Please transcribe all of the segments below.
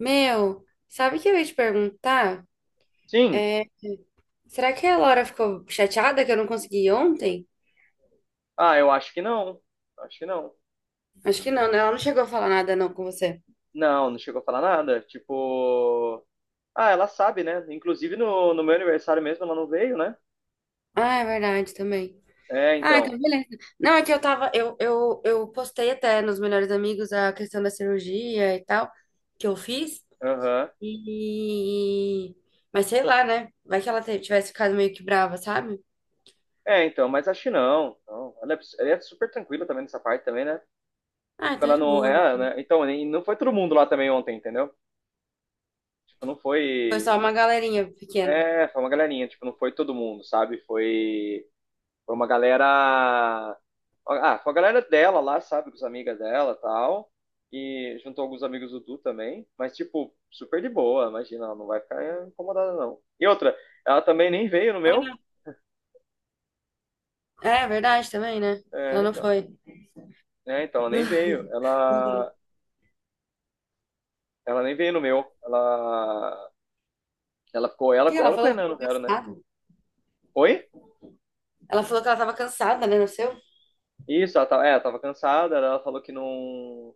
Meu, sabe o que eu ia te perguntar? Sim? É, será que a Laura ficou chateada que eu não consegui ir ontem? Ah, eu acho que não. Acho que não. Acho que não, né? Ela não chegou a falar nada não com você. Não, não chegou a falar nada. Tipo. Ah, ela sabe, né? Inclusive no meu aniversário mesmo ela não veio, né? Ah, é verdade também. É, Ah, então então. beleza. Não, é que eu tava, eu postei até nos melhores amigos a questão da cirurgia e tal, que eu fiz. Aham. E... Mas sei lá, né? Vai que ela tivesse ficado meio que brava, sabe? É, então, mas acho que não. Não. Ela é super tranquila também nessa parte também, né? Ah, Tipo, então é ela de não. boa. É, né? Então, e não foi todo mundo lá também ontem, entendeu? Tipo, não Foi foi. só uma galerinha pequena. É, foi uma galerinha, tipo, não foi todo mundo, sabe? Foi. Foi uma galera. Ah, foi a galera dela lá, sabe? Com as amigas dela e tal. E juntou alguns amigos do Du também. Mas, tipo, super de boa, imagina, ela não vai ficar incomodada, não. E outra, ela também nem veio no meu. Ah, é verdade também, né? Ela É, não então. foi. É, então, ela nem veio. Ela. Ela nem veio no meu. Ela. Ela ficou. Ela, Que ela ela com o falou que Renan, não estava vieram, né? cansada. Oi? Ela falou que ela estava cansada, né? No seu. Isso, ela tava, é, ela tava cansada, ela falou que não,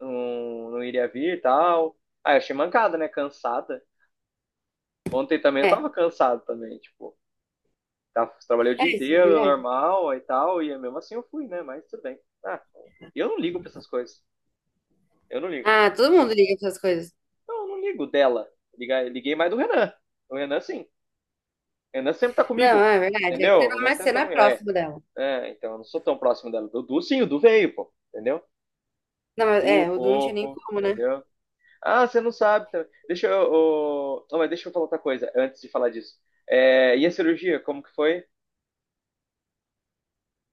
não iria vir e tal. Ah, eu achei mancada, né? Cansada. Ontem também eu É, tava cansado também, tipo, trabalhei o dia é isso, é inteiro, verdade. normal e tal, e mesmo assim eu fui, né? Mas tudo bem. Ah, eu não ligo pra essas coisas. Eu não ligo. Ah, todo mundo liga para essas coisas. Não, eu não ligo dela. Liguei mais do Renan. O Renan, sim. O Renan sempre tá Não, comigo. é verdade. É que Entendeu? você O não, Renan mas sempre você tá não é comigo. É, próximo dela. é, então eu não sou tão próximo dela. Do Du, sim, o Du veio, pô. Entendeu? Não, mas, é, Du, o Du não tinha nem fofo. como, né? Entendeu? Ah, você não sabe. Tá? Deixa eu. Ô, não, mas deixa eu falar outra coisa antes de falar disso. É, e a cirurgia, como que foi?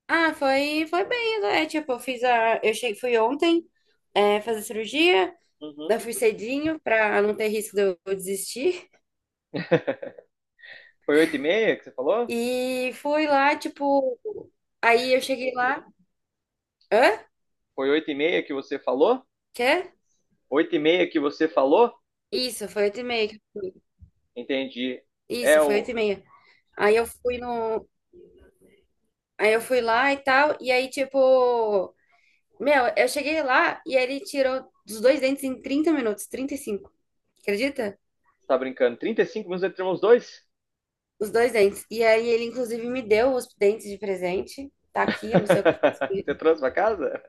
Ah, foi, foi bem, né? É, tipo, eu fiz a. Eu cheguei, fui ontem, é, fazer cirurgia. Uhum. Eu fui cedinho pra não ter risco de eu desistir. Foi oito e meia que você falou? E fui lá, tipo. Aí eu cheguei lá. Hã? Foi 8 e meia que você falou? Quê? 8 e meia que você falou? Isso, foi 8:30. Entendi. É Isso, foi oito o. e meia. Aí eu fui no. Aí eu fui lá e tal, e aí, tipo, meu, eu cheguei lá e ele tirou os dois dentes em 30 minutos, 35. Acredita? Você tá brincando? 35 minutos entre termos dois? Os dois dentes. E aí ele, inclusive, me deu os dentes de presente. Tá aqui, eu não sei o que eu faço com Você eles. trouxe pra casa?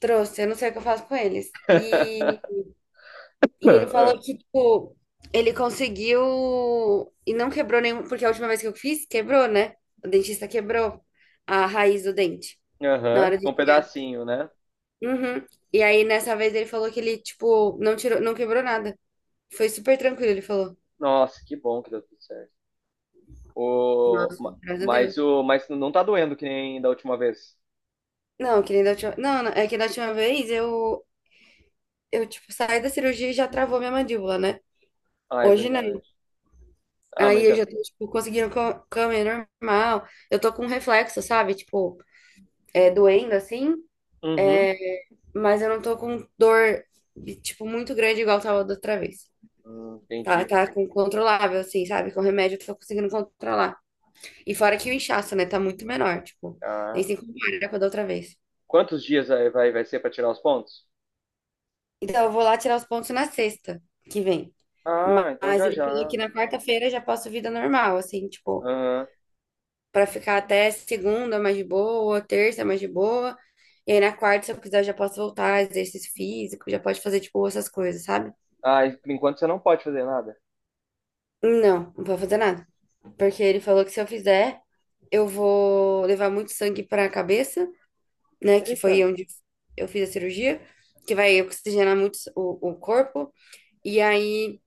Trouxe, eu não sei o que eu faço com eles. E e ele falou que, tipo, ele conseguiu e não quebrou nenhum, porque a última vez que eu fiz, quebrou, né? O dentista quebrou a raiz do dente. Na Aham. hora Com de. um pedacinho, né? Uhum. E aí, nessa vez, ele falou que ele, tipo, não tirou, não quebrou nada. Foi super tranquilo, ele falou. Nossa, que bom que deu tudo certo. O... Nossa, ma- graças a Mas, Deus. o... mas não tá doendo que nem da última vez. Não, que nem da última... Não, não, é que da última vez eu, tipo, saí da cirurgia e já travou minha mandíbula, né? Ah, é Hoje não. verdade. Ah, Aí mas eu tá. já tô, tipo, conseguindo comer normal. Eu tô com reflexo, sabe? Tipo, é doendo assim, Uhum. mas eu não tô com dor, tipo, muito grande igual tava da outra vez. Tá, Entendi. tá controlável, assim, sabe? Com remédio eu tô conseguindo controlar. E fora que o inchaço, né, tá muito menor, tipo, nem Ah. se compara com a da outra vez. Quantos dias aí vai ser pra tirar os pontos? Então eu vou lá tirar os pontos na sexta que vem. Ah, então Mas já ele falou já. que na quarta-feira já posso vida normal, assim, tipo, pra ficar até segunda mais de boa, terça mais de boa. E aí na quarta, se eu quiser, eu já posso voltar, exercício físico, já pode fazer, tipo, essas coisas, sabe? Ah, e por enquanto você não pode fazer nada. Não, não pode fazer nada. Porque ele falou que se eu fizer, eu vou levar muito sangue pra cabeça, né? Que Eita, foi onde eu fiz a cirurgia, que vai oxigenar muito o corpo. E aí,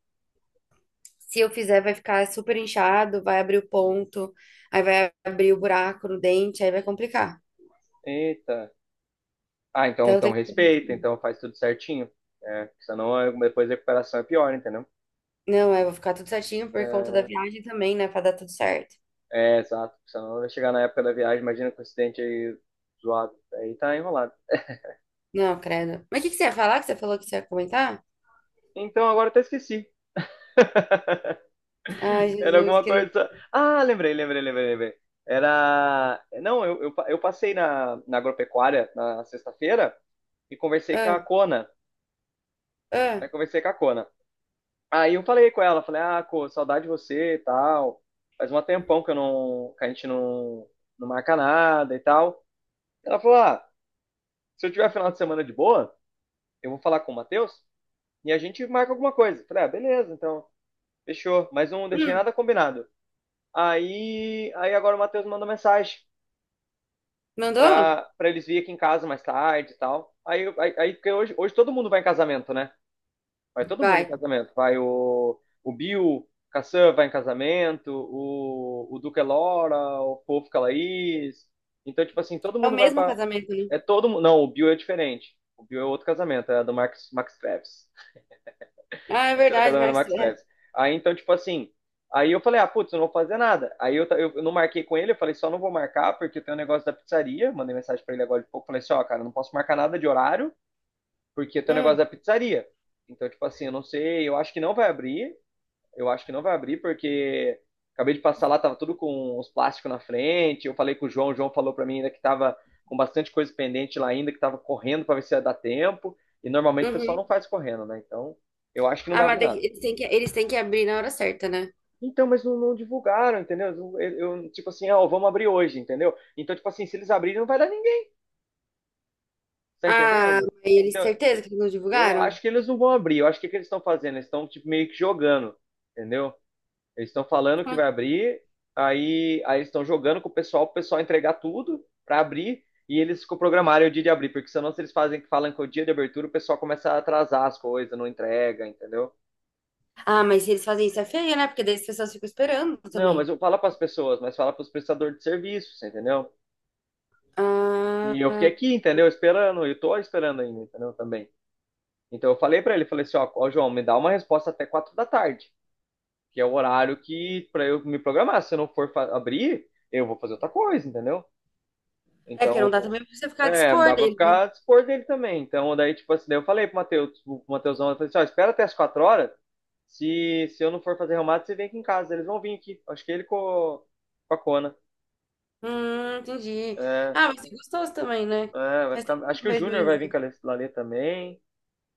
se eu fizer, vai ficar super inchado, vai abrir o ponto, aí vai abrir o buraco no dente, aí vai complicar. eita. Ah, então, Então, eu então tenho que fazer respeita, assim. então faz tudo certinho. É, porque senão depois a recuperação é pior, entendeu? Não, eu vou ficar tudo certinho por conta da viagem também, né? Pra dar tudo certo. É, exato. Porque senão vai chegar na época da viagem, imagina com o acidente aí zoado. Aí tá enrolado. Não, credo. Mas o que que você ia falar? Que você falou que você ia comentar? Então agora eu até esqueci. Ai, Era Jesus alguma querido. coisa. Ah, lembrei. Era. Não, eu passei na agropecuária na sexta-feira e conversei com a Ah, Cona. ah. Eu conversei com a Cona. Aí eu falei com ela, falei, ah, pô, saudade de você e tal. Faz um tempão que eu não, que a gente não marca nada e tal. Ela falou, ah, se eu tiver final de semana de boa, eu vou falar com o Matheus e a gente marca alguma coisa. Eu falei, ah, beleza, então, fechou. Mas não deixei Hum, nada combinado. Aí agora o Matheus mandou mensagem mandou? pra eles virem aqui em casa mais tarde e tal. Aí porque hoje todo mundo vai em casamento, né? Vai todo mundo em Vai. casamento. Vai o Bill, Cassan vai em casamento, o Duque é Laura, o Fofo Calaís. Então, tipo assim, todo É o mundo vai mesmo pra. casamento, né? É todo mundo. Não, o Bill é diferente. O Bill é outro casamento, é do Max, Max Travis. Ah, é Vai ser o verdade, casamento do mas Max é. Travis. Aí, então, tipo assim. Aí eu falei, ah, putz, eu não vou fazer nada. Aí eu, ta- eu não marquei com ele, eu falei, só não vou marcar porque eu tenho um negócio da pizzaria. Mandei mensagem pra ele agora de pouco, falei assim, ó, cara, eu não posso marcar nada de horário, porque tem o negócio Hum, da pizzaria. Então, tipo assim, eu não sei, eu acho que não vai abrir, eu acho que não vai abrir, porque acabei de passar lá, tava tudo com os plásticos na frente, eu falei com o João falou pra mim ainda que tava com bastante coisa pendente lá ainda, que tava correndo pra ver se ia dar tempo, e normalmente o pessoal uhum. não faz correndo, né? Então, eu acho que não Ah, vai mas abrir nada. eles têm que abrir na hora certa, né? Então, mas não, não divulgaram, entendeu? Eu, tipo assim, ó, vamos abrir hoje, entendeu? Então, tipo assim, se eles abrirem, não vai dar. Tá Ah, entendendo? mas eles, Então, certeza que não eu divulgaram? acho que eles não vão abrir. Eu acho que o que eles estão fazendo? Eles estão tipo, meio que jogando, entendeu? Eles estão falando que vai abrir, aí eles estão jogando com o pessoal entregar tudo para abrir, e eles programaram o dia de abrir, porque senão se eles fazem que falam que é o dia de abertura, o pessoal começa a atrasar as coisas, não entrega, entendeu? Ah, mas se eles fazem isso é feio, né? Porque daí as pessoas ficam esperando Não, mas também. eu falo para as pessoas, mas fala para os prestadores de serviços, entendeu? E eu fiquei Ah, aqui, entendeu? Esperando, eu tô esperando ainda, entendeu? Também. Então eu falei para ele, falei assim, ó, João, me dá uma resposta até quatro da tarde, que é o horário que para eu me programar. Se eu não for abrir, eu vou fazer outra coisa, entendeu? é porque não dá Então, também pra você ficar a é, dispor dá pra dele, né? ficar a dispor dele também. Então, daí, tipo assim, daí eu falei pro Matheus, pro Matheusão, eu falei assim, ó, espera até as quatro horas. Se eu não for fazer remate, você vem aqui em casa. Eles vão vir aqui. Acho que ele com a Cona. Entendi. É, Ah, mas é gostoso também, né? é, vai Faz tempo que eu acho não que o vejo Júnior vai vir com eles. a Lale Lale também.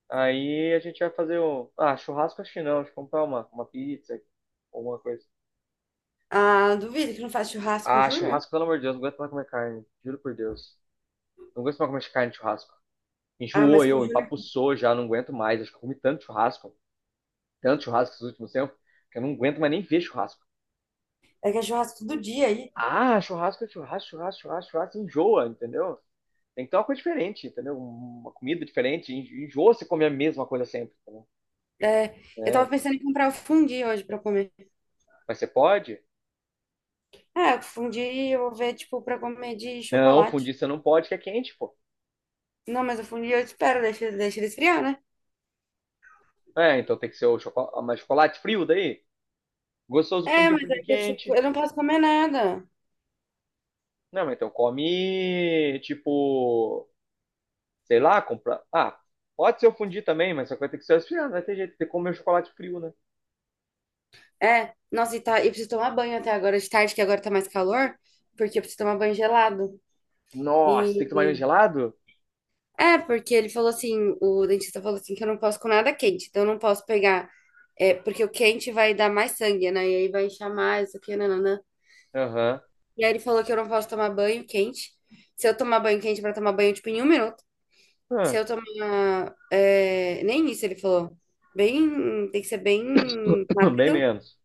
Aí a gente vai fazer o. Ah, churrasco acho que não. Acho que comprar uma pizza, alguma coisa. Ah, duvido que não faz churrasco com o Ah, Júnior, hein? churrasco, pelo amor de Deus, não aguento mais comer carne. Juro por Deus. Não aguento mais comer carne de churrasco. Ah, Enjoou mas com o eu, Júnior empapuçou já, não aguento mais. Acho que eu comi tanto churrasco esses últimos tempos, que eu não aguento mais nem ver churrasco. é que é churrasco todo dia aí. Ah, churrasco é churrasco, enjoa, entendeu? Tem que ter uma coisa diferente, entendeu? Uma comida diferente. Enjoa você comer a mesma coisa sempre, entendeu? É, eu tava É. pensando em comprar o fundi hoje pra comer. Mas você pode? É, o fundi eu vou ver, tipo, pra comer de Não, fundir chocolate. você não pode, que é quente, pô. Não, mas o fundi eu espero, deixa ele esfriar, né? É, então tem que ser mas chocolate frio daí. Gostoso É, fundir um mas é fundir que eu, tipo, quente. eu não posso comer nada. Não, mas então come, tipo, sei lá, comprar. Ah, pode ser eu fundir também, mas só que vai ter que ser resfriado, não vai ter jeito, tem que comer um chocolate frio, né? É, nossa, e, tá, e preciso tomar banho até agora de tarde, que agora tá mais calor, porque eu preciso tomar banho gelado. Nossa, tem que tomar ele E gelado? é, porque ele falou assim, o dentista falou assim que eu não posso com nada quente, então eu não posso pegar, é, porque o quente vai dar mais sangue, né? E aí vai inchar mais, isso aqui, nananã. Aham. E aí ele falou que eu não posso tomar banho quente. Se eu tomar banho quente pra tomar banho, tipo, em 1 minuto. Se Ah, eu tomar, é, nem isso ele falou. Bem. Tem que ser bem bem rápido. menos.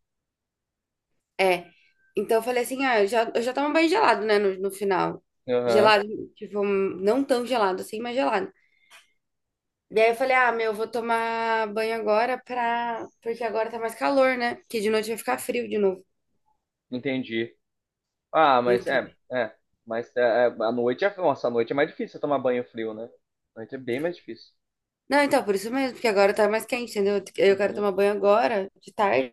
É. Então eu falei assim: ah, eu já tomo banho gelado, né? No final. Aham, Gelado, tipo, não tão gelado assim, mas gelado. E aí eu falei: ah, meu, eu vou tomar banho agora pra. Porque agora tá mais calor, né? Porque de noite vai ficar frio de novo. entendi. Ah, mas Então. é, é. Mas a noite é. Nossa, a noite é mais difícil você tomar banho frio, né? A noite é bem mais difícil. Não, então, por isso mesmo, porque agora tá mais quente, entendeu? Eu quero Uhum. tomar banho agora, de tarde,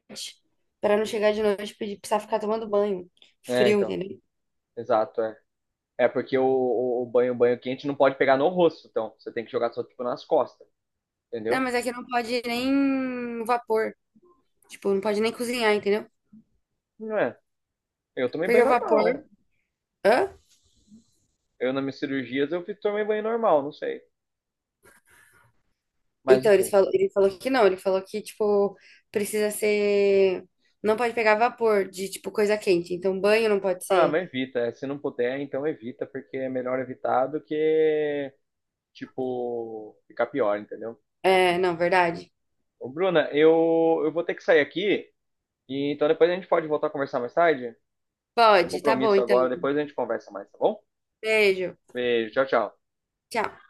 pra não chegar de noite e precisar ficar tomando banho. É, Frio, então. entendeu? Exato, é. É porque o banho, o banho quente não pode pegar no rosto, então. Você tem que jogar só, tipo, nas costas, Não, entendeu? mas aqui não pode nem vapor. Tipo, não pode nem cozinhar, entendeu? Não é. Eu tomei Porque banho o vapor. normal. Hã? Eu, nas minhas cirurgias, tomei banho normal, não sei. Mas Então, eles enfim. falou, ele falou que não. Ele falou que, tipo, precisa ser. Não pode pegar vapor de, tipo, coisa quente. Então, banho não pode Ah, ser. mas evita. É, se não puder, então evita, porque é melhor evitar do que, tipo, ficar pior, entendeu? É, não, verdade? Ô, Bruna, eu vou ter que sair aqui, e então depois a gente pode voltar a conversar mais tarde. Tem Pode, tá bom, compromisso então. agora, depois a gente conversa mais, tá bom? Beijo. Beijo, tchau. Tchau.